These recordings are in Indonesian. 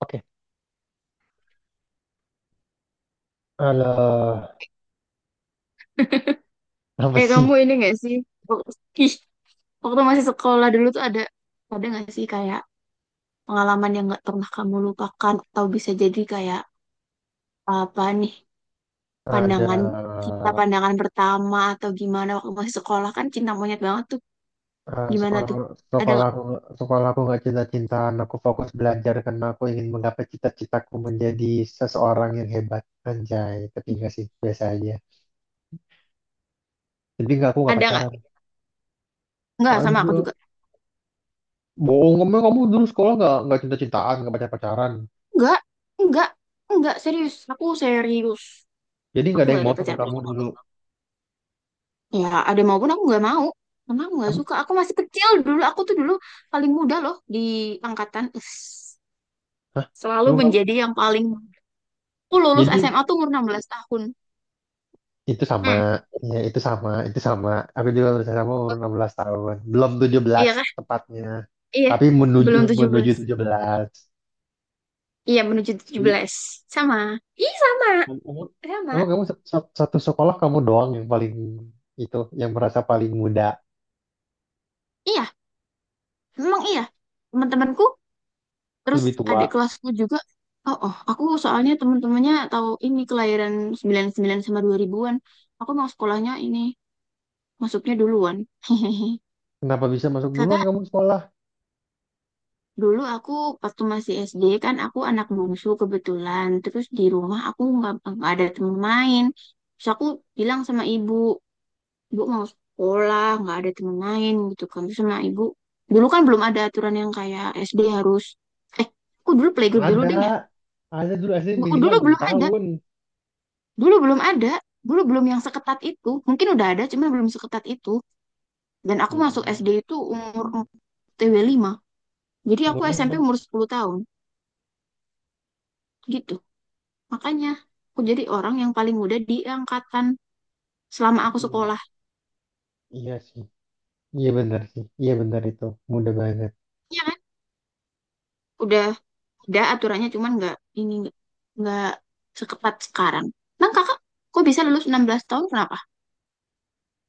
Oke, alah, apa Eh sih? kamu ini gak sih? Wak- Ih, waktu masih sekolah dulu tuh ada gak sih kayak pengalaman yang gak pernah kamu lupakan atau bisa jadi kayak apa nih Ada pandangan cinta pandangan pertama atau gimana waktu masih sekolah kan cinta monyet banget tuh eh, gimana sekolah tuh ada sekolah nggak aku sekolah aku nggak cinta-cintaan. Aku fokus belajar karena aku ingin menggapai cita-citaku menjadi seseorang yang hebat. Anjay, tapi enggak sih, biasa aja. Tapi enggak, aku nggak ada nggak pacaran. nggak sama aku Aduh, juga bohong kamu, dulu sekolah nggak cinta-cintaan, nggak pacar pacaran. nggak nggak nggak serius aku serius Jadi nggak aku ada nggak yang ada mau sama pacar pacar. kamu dulu. Ya, ada maupun aku nggak mau. Karena aku nggak Kamu, suka. Aku masih kecil dulu. Aku tuh dulu paling muda loh di angkatan. Hah? Selalu Emang kamu- menjadi yang paling muda. Aku lulus Jadi SMA tuh umur 16 tahun. itu sama, Hmm, ya itu sama, itu sama. Aku juga berusaha sama umur 16 tahun. Belum 17 iya kah? tepatnya. Iya. Tapi menuju Belum tujuh menuju belas. 17. Iya, menuju tujuh I- belas. Sama. Ih, sama. kamu Sama. emang kamu sa- sa- Satu sekolah kamu doang yang paling itu, yang merasa paling muda, Iya, memang iya. Teman-temanku, terus lebih adik tua. kelasku juga. Oh, oh, aku soalnya teman-temannya tahu ini kelahiran 99 sama 2000-an. Aku mau sekolahnya ini, masuknya duluan. Kenapa bisa masuk duluan Kakak, kamu sekolah? dulu aku waktu masih SD kan aku anak bungsu kebetulan. Terus di rumah aku nggak ada temen main. Terus aku bilang sama ibu, ibu mau sekolah, nggak ada temen main gitu kan. Terus sama ibu, dulu kan belum ada aturan yang kayak SD harus, eh, aku dulu playgroup dulu deh ya. Ada. Ada dulu SD Bu- minimal Dulu 6 belum ada, tahun. dulu belum ada, dulu belum yang seketat itu. Mungkin udah ada, cuman belum seketat itu. Dan aku masuk Mm-mm. SD itu umur TW 5. Jadi aku Umur SMP 5. umur 10 tahun, gitu. Makanya aku jadi orang yang paling muda di angkatan selama aku Mm, sekolah. iya sih. Iya benar sih. Iya benar itu. Muda banget. Iya kan? Udah ada aturannya, cuman ini nggak nggak seketat sekarang. Nah kakak, kok bisa lulus 16 tahun kenapa?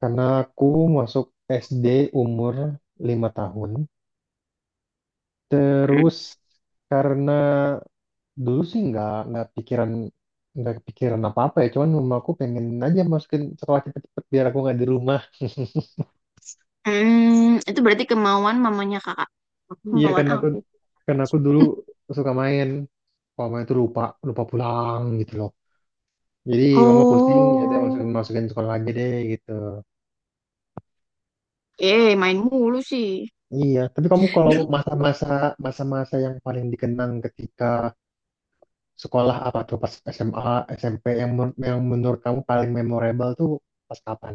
Karena aku masuk SD umur 5 tahun. Terus karena dulu sih nggak kepikiran apa-apa ya. Cuman mama aku pengen aja masukin sekolah cepet-cepet biar aku nggak di rumah. Hmm, itu berarti kemauan mamanya kakak. Iya Kemauan karena aku, aku. Dulu suka main. Mama itu lupa lupa pulang gitu loh. Jadi mama pusing, ya udah Oh, masukin masukin sekolah aja deh gitu. eh main mulu sih. Iya, tapi kamu kalau masa-masa yang paling dikenang ketika sekolah apa tuh, pas SMA, SMP, yang menurut kamu paling memorable tuh pas kapan?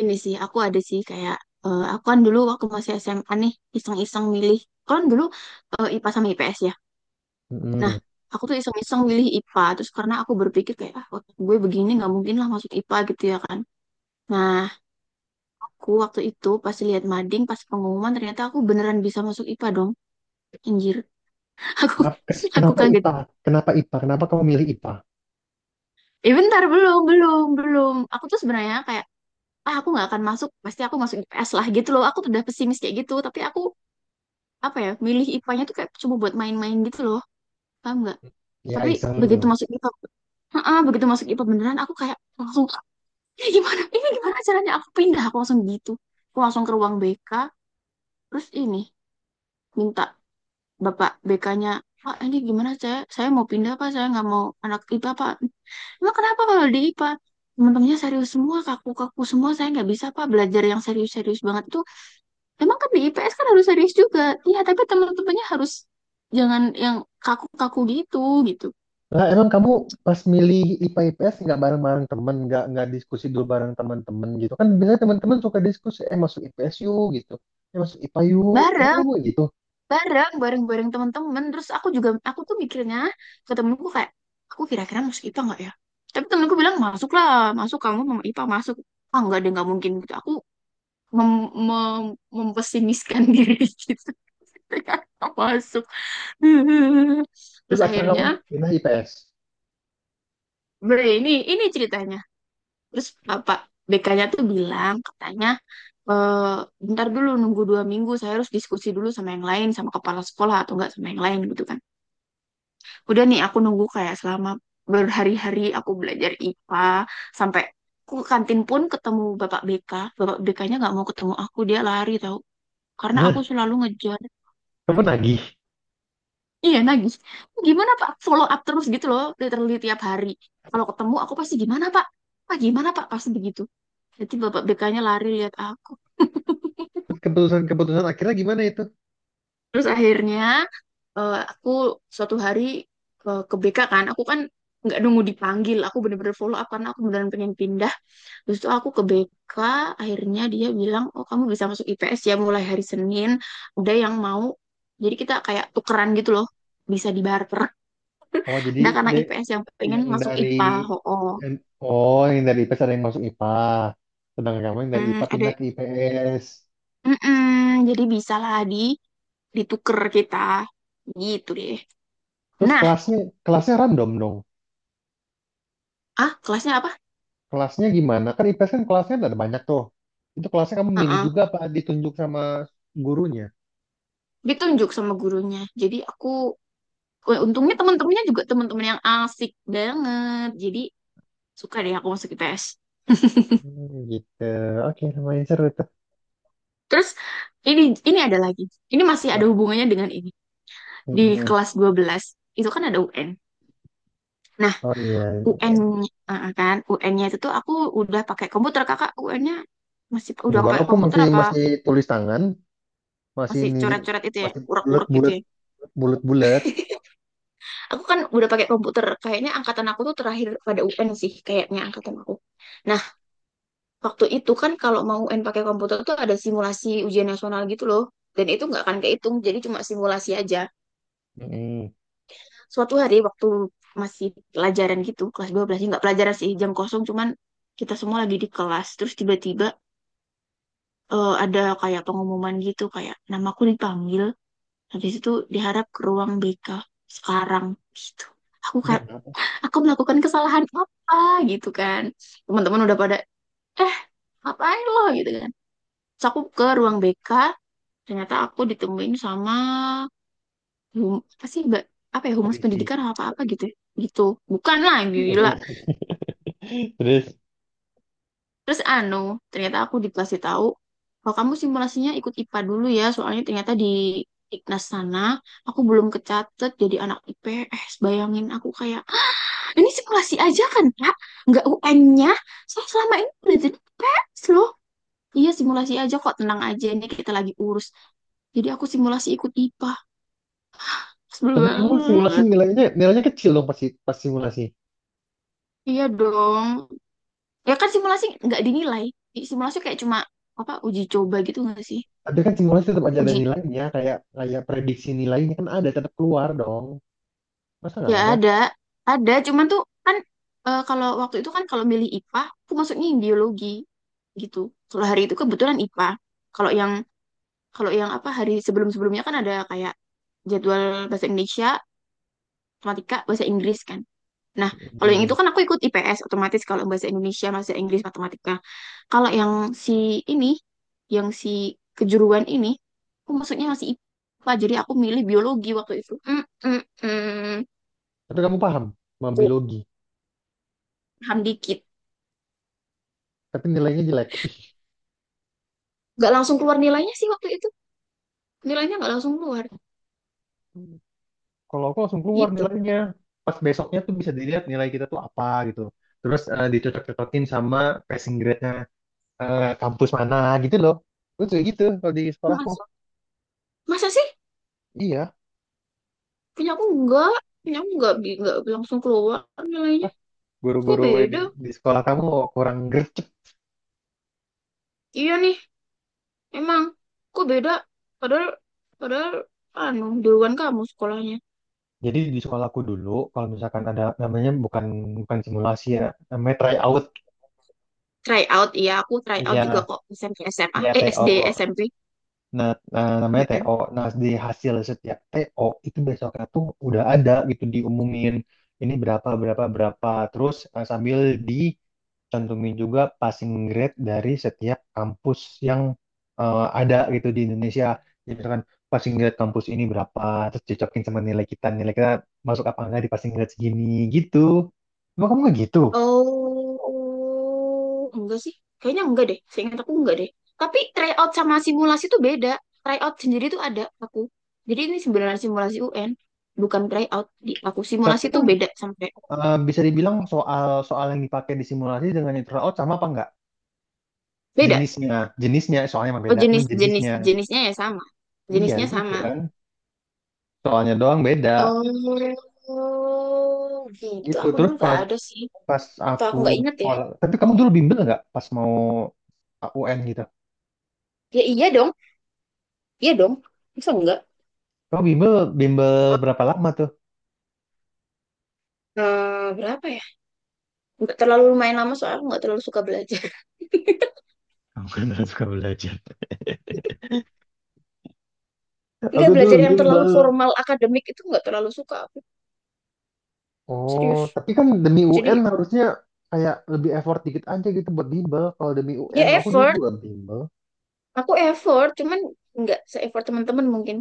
Ini sih aku ada sih kayak aku kan dulu waktu masih SMA nih iseng-iseng milih. Kan dulu IPA sama IPS ya. Nah, Mm-mm. aku tuh iseng-iseng milih IPA. Terus karena aku berpikir kayak, ah otak gue begini nggak mungkin lah masuk IPA gitu ya kan. Nah, aku waktu itu pas lihat mading, pas pengumuman ternyata aku beneran bisa masuk IPA dong. Anjir, aku Kenapa, aku kenapa kaget. IPA? Kenapa IPA? Kenapa kamu milih IPA? Eh bentar, belum, belum, belum. Aku tuh sebenarnya kayak, ah aku nggak akan masuk, pasti aku masuk IPS lah gitu loh. Aku tuh udah pesimis kayak gitu. Tapi aku, apa ya, milih IPA-nya tuh kayak cuma buat main-main gitu loh. Paham nggak? Ya Tapi begitu iseng. masuk IPA, heeh, begitu masuk IPA beneran aku kayak langsung ini gimana caranya aku pindah aku langsung gitu aku langsung ke ruang BK, terus ini minta bapak BK-nya, Pak ini gimana saya mau pindah Pak, saya nggak mau anak IPA Pak, emang kenapa kalau di IPA teman-temannya serius semua kaku-kaku semua, saya nggak bisa Pak belajar yang serius-serius banget tuh, emang kan di IPS kan harus serius juga, iya tapi teman-temannya harus jangan yang kaku-kaku gitu gitu. Lah emang kamu pas milih IPA IPS nggak bareng-bareng temen, nggak diskusi dulu bareng teman-teman gitu kan? Biasanya teman-teman suka diskusi, eh masuk IPS yuk gitu, eh masuk IPA yuk, eh bareng kamu gitu. bareng bareng bareng teman-teman, terus aku juga aku tuh mikirnya ke temenku kayak aku kira-kira masuk IPA nggak ya, tapi temenku bilang masuklah masuk, kamu mau IPA masuk, ah nggak deh nggak mungkin gitu aku mem mem- mempesimiskan diri gitu. Kayak, "Nggak masuk." Terus Terus akhirnya kamu akhirnya pindah IPS. Ini ceritanya. Terus bapak BK-nya tuh bilang katanya, "Eh, bentar dulu nunggu 2 minggu, saya harus diskusi dulu sama yang lain, sama kepala sekolah atau enggak sama yang lain gitu kan." Udah nih aku nunggu kayak selama berhari-hari, aku belajar IPA sampai aku ke kantin pun ketemu Bapak BK. Bapak BK-nya nggak mau ketemu aku, dia lari tahu. Karena aku selalu ngejar. Kamu nagih. Iya, nagih. Gimana Pak? Follow up terus gitu loh, literally tiap hari. Kalau ketemu aku pasti gimana Pak? Pak gimana Pak? Pasti begitu. Jadi Bapak BK-nya lari lihat aku. Terus keputusan-keputusan akhirnya gimana itu? Terus akhirnya aku suatu hari ke BK kan, aku kan nggak nunggu dipanggil, aku bener-bener follow up karena aku beneran pengen pindah. Terus tuh aku ke BK, akhirnya dia bilang, oh kamu bisa masuk IPS ya mulai hari Senin, udah yang mau. Jadi kita kayak tukeran gitu loh, bisa dibarter. Oh, jadi Ada anak de, IPS yang yang pengen masuk dari IPA, oh, oh. yang- oh, yang dari IPS ada yang masuk IPA. Sedangkan kamu yang dari Hmm, IPA ada. pindah ke IPS. Mm-mm, jadi bisa lah dituker kita, gitu deh. Terus Nah, kelasnya kelasnya random dong. ah kelasnya apa? Kelasnya gimana? Kan IPS kan kelasnya ada banyak tuh. Itu kelasnya kamu milih Heeh. juga apa ditunjuk sama gurunya? Ditunjuk sama gurunya. Jadi aku, untungnya teman-temannya juga teman-teman yang asik banget. Jadi suka deh aku masuk IPS. Hmm, gitu. Oke, lumayan seru tuh. Terus ini ini ada lagi. Ini masih ada hubungannya dengan ini. Di Mm-mm. kelas 12 itu kan ada UN. Nah, Oh iya. UN eh, kan UN-nya itu tuh aku udah pakai komputer. Kakak UN-nya masih udah Enggak, pakai aku komputer masih apa masih tulis tangan, masih masih nilai, coret-coret itu ya, masih urek-urek gitu ya. bulat bulat. Aku kan udah pakai komputer. Kayaknya angkatan aku tuh terakhir pada UN sih, kayaknya angkatan aku. Nah, waktu itu kan kalau mau UN pakai komputer tuh ada simulasi ujian nasional gitu loh. Dan itu nggak akan kehitung, jadi cuma simulasi aja. Mm-mm. Suatu hari waktu masih pelajaran gitu kelas 12, nggak pelajaran sih jam kosong cuman kita semua lagi di kelas, terus tiba-tiba ada kayak pengumuman gitu kayak namaku dipanggil, habis itu diharap ke ruang BK sekarang gitu, aku Itu kayak kenapa? aku melakukan kesalahan apa gitu kan, teman-teman udah pada eh ngapain lo gitu kan. Terus aku ke ruang BK ternyata aku ditemuin sama, apa sih mbak, apa ya humas Polisi. pendidikan apa apa gitu ya. Gitu bukan lah gila. Terus, Terus anu, ternyata aku dikasih tahu kalau kamu simulasinya ikut IPA dulu ya, soalnya ternyata di Iknas sana aku belum kecatet jadi anak IPS. Bayangin aku kayak, "Ah, ini simulasi aja kan, Kak? Nggak UN-nya. Saya selama ini udah jadi IPS loh. Iya, simulasi aja kok, tenang aja ini kita lagi urus." Jadi aku simulasi ikut IPA. Sebel tapi kamu simulasi banget. nilainya nilainya kecil dong pasti pas simulasi. Iya dong. Ya kan simulasi nggak dinilai. Simulasi kayak cuma apa uji coba gitu nggak sih? Tapi kan simulasi tetap aja ada Uji nilainya, kayak kayak prediksi nilainya kan ada, tetap keluar dong. Masa nggak Ya ada? ada, ada. Cuman tuh kan kalau waktu itu kan kalau milih IPA, aku masuknya yang biologi gitu. Kalau hari itu kebetulan IPA. Kalau yang kalau yang apa hari sebelum-sebelumnya kan ada kayak jadwal bahasa Indonesia, matematika, bahasa Inggris kan. Nah, kalau yang itu Hmm. kan aku ikut IPS otomatis kalau bahasa Indonesia, bahasa Inggris, matematika. Kalau yang si ini, yang si kejuruan ini, aku masuknya masih IPA. Jadi aku milih biologi waktu itu. Mm, mm, mm. Tapi kamu paham sama biologi, Paham dikit. tapi nilainya jelek. Nggak langsung keluar nilainya sih waktu itu, nilainya nggak langsung keluar Kalau aku langsung keluar gitu. nilainya. Pas besoknya tuh bisa dilihat nilai kita tuh apa gitu. Terus dicocok-cocokin sama passing grade-nya, kampus mana gitu loh. Terus kayak gitu kalau di sekolahku. Masa masa sih, Iya. punya aku nggak punya aku nggak nggak langsung keluar nilainya. Kok Guru-guru di, beda. di sekolah kamu kurang gercep. Iya nih, emang kok beda, padahal padahal anu duluan kamu sekolahnya. Jadi di sekolahku dulu, kalau misalkan ada namanya bukan, simulasi ya, namanya tryout. Try out, iya aku try out juga Iya, kok SMP SMA ya eh SD TO. SMP. Nah, nah, namanya TO. Nah, di hasil setiap TO itu besoknya tuh udah ada gitu diumumin, ini berapa berapa berapa. Terus sambil di cantumin juga passing grade dari setiap kampus yang ada gitu di Indonesia. Jadi misalkan passing grade kampus ini berapa, terus cocokin sama nilai kita masuk apa enggak di passing grade segini gitu. Emang kamu nggak gitu? Oh, enggak sih. Kayaknya enggak deh. Seingat aku enggak deh. Tapi tryout sama simulasi itu beda. Tryout sendiri tuh ada aku. Jadi ini sebenarnya simulasi UN, bukan tryout di aku. Simulasi Tapi tuh kan beda sama tryout. Bisa dibilang soal soal yang dipakai di simulasi dengan yang turnout sama apa enggak? Beda. Jenisnya, jenisnya soalnya emang Oh, beda, cuman jenis jenis jenisnya. jenisnya ya sama. Iya Jenisnya gitu sama. kan. Soalnya doang beda. Oh, gitu. Gitu. Aku Terus dulu nggak pas ada sih. pas Atau aku aku nggak inget ya. sekolah, tapi kamu dulu bimbel nggak pas mau UN gitu? Ya iya dong. Iya dong. Masa enggak? Kamu bimbel bimbel berapa lama tuh? Berapa ya? Nggak terlalu lumayan lama soalnya aku nggak terlalu suka belajar. Aku kan harus suka belajar. Nggak Aku dulu belajar yang terlalu bimbel. formal akademik itu nggak terlalu suka aku. Oh, Serius, tapi kan demi UN jadi harusnya kayak lebih effort dikit aja gitu buat bimbel. Kalau demi UN, ya aku dulu effort, juga bimbel. aku effort cuman nggak se-effort teman-teman mungkin.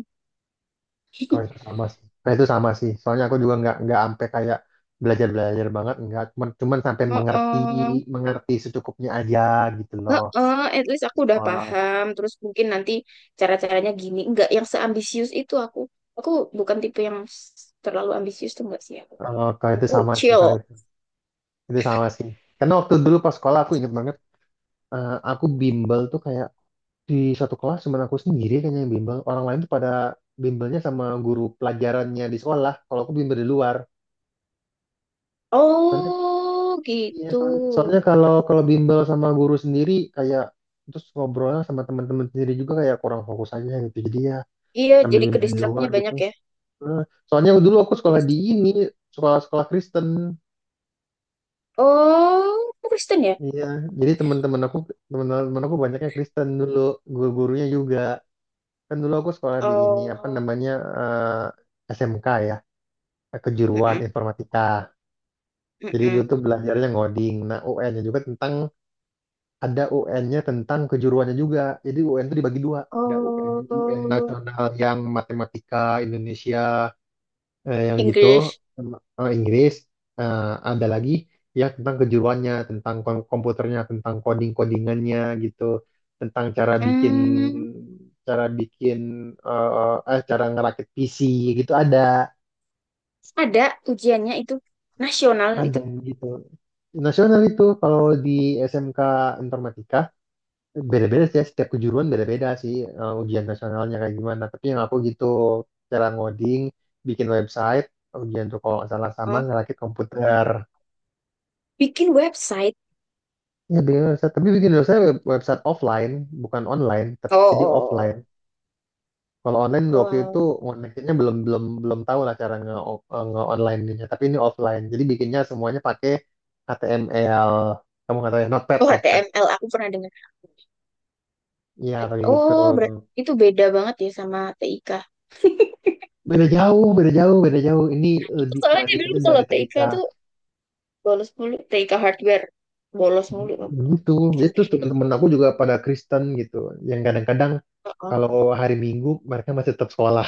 Kalau itu sama sih. Kalau itu sama sih. Soalnya aku juga nggak sampai kayak belajar-belajar banget, nggak. Cuman cuman sampai mengerti Heeh. mengerti secukupnya aja gitu loh Heeh, at least di aku udah sekolah. paham terus mungkin nanti cara-caranya gini, nggak yang seambisius itu aku. Aku bukan tipe yang terlalu ambisius tuh nggak sih aku. Kalau kalau itu Aku sama sih. chill. Kalau itu. Itu sama sih. Karena waktu dulu pas sekolah aku inget banget, aku bimbel tuh kayak di satu kelas cuma aku sendiri kayaknya yang bimbel. Orang lain tuh pada bimbelnya sama guru pelajarannya di sekolah. Kalau aku bimbel di luar. Soalnya, Oh iya, gitu. soalnya, soalnya kalau kalau bimbel sama guru sendiri kayak terus ngobrolnya sama teman-teman sendiri juga kayak kurang fokus aja gitu. Jadi ya Iya, sambil jadi ke bimbel di luar distractnya gitu. banyak ya. Eh, Soalnya dulu aku Ke sekolah di distract. ini, sekolah-sekolah Kristen. Oh, aku Kristen ya. Iya, jadi teman-teman aku, banyaknya Kristen dulu, guru-gurunya juga. Kan dulu aku sekolah di ini apa Oh, namanya SMK ya, kejuruan mm-mm, informatika. Jadi dulu mm-mm. tuh belajarnya ngoding. Nah, UN-nya juga tentang, ada UN-nya tentang kejuruannya juga. Jadi UN itu dibagi 2. Ada UN Oh, nasional yang matematika, Indonesia, yang gitu English. Inggris, eh, ada lagi ya tentang kejuruannya, tentang komputernya, tentang codingannya gitu, tentang Hmm, cara bikin cara ngerakit PC gitu, ada ujiannya itu nasional ada itu. gitu nasional itu kalau di SMK informatika beda-beda sih ya, setiap kejuruan beda-beda sih, ujian nasionalnya kayak gimana, tapi yang aku gitu cara ngoding, bikin website, ujian tuh kalau nggak salah sama Oh, ngerakit komputer. bikin website. Ya bikin website, tapi bikin website, website offline, bukan online, tapi Oh, jadi oh, offline. Kalau online waktu itu oh. connectionnya belum belum belum tahu lah cara nge online ininya. Tapi ini offline. Jadi bikinnya semuanya pakai HTML. Kamu nggak tahu ya, Notepad, Oh, Notepad. HTML aku pernah dengar. Iya pakai gitu. Oh, berarti itu beda banget ya sama TIK. Beda jauh, beda jauh, beda jauh. Ini lebih Soalnya dulu kelanjutannya kalau dari TIK TIK. tuh bolos mulu, TIK hardware bolos mulu. Gitu. Jadi terus teman-teman aku juga pada Kristen gitu, yang kadang-kadang Oh. kalau hari Minggu mereka masih tetap sekolah.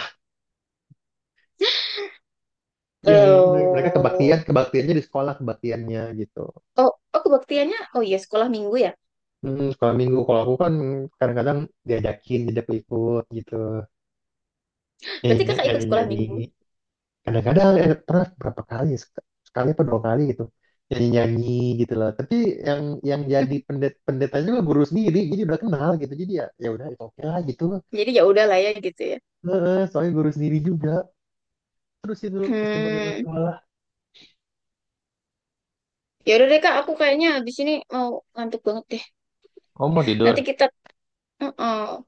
Iya, mereka Oh, kebaktiannya di sekolah, kebaktiannya gitu. oh, oh kebaktiannya, oh iya sekolah minggu ya. Hmm, sekolah Minggu. Kalau aku kan kadang-kadang diajak ikut gitu, nyanyi Berarti kakak ikut nyanyi sekolah minggu. nyanyi. Kadang-kadang pernah berapa kali, sekali atau 2 kali gitu, nyanyi nyanyi gitu loh. Tapi yang, jadi pendetanya juga guru sendiri, jadi udah kenal gitu. Jadi ya, udah itu oke lah gitu. Jadi ya udah lah ya gitu ya. Heeh, soalnya guru sendiri juga. Terus itu kesimpulan Hmm. sekolah. Ya udah deh Kak, aku kayaknya habis ini mau ngantuk banget deh. Kamu mau tidur? Nanti kita, oh,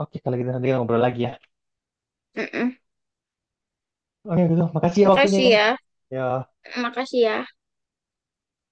Oke, kalau gitu nanti kita ngobrol lagi ya. Oke, gitu. Makasih ya waktunya Makasih ya. ya, Ya. makasih ya.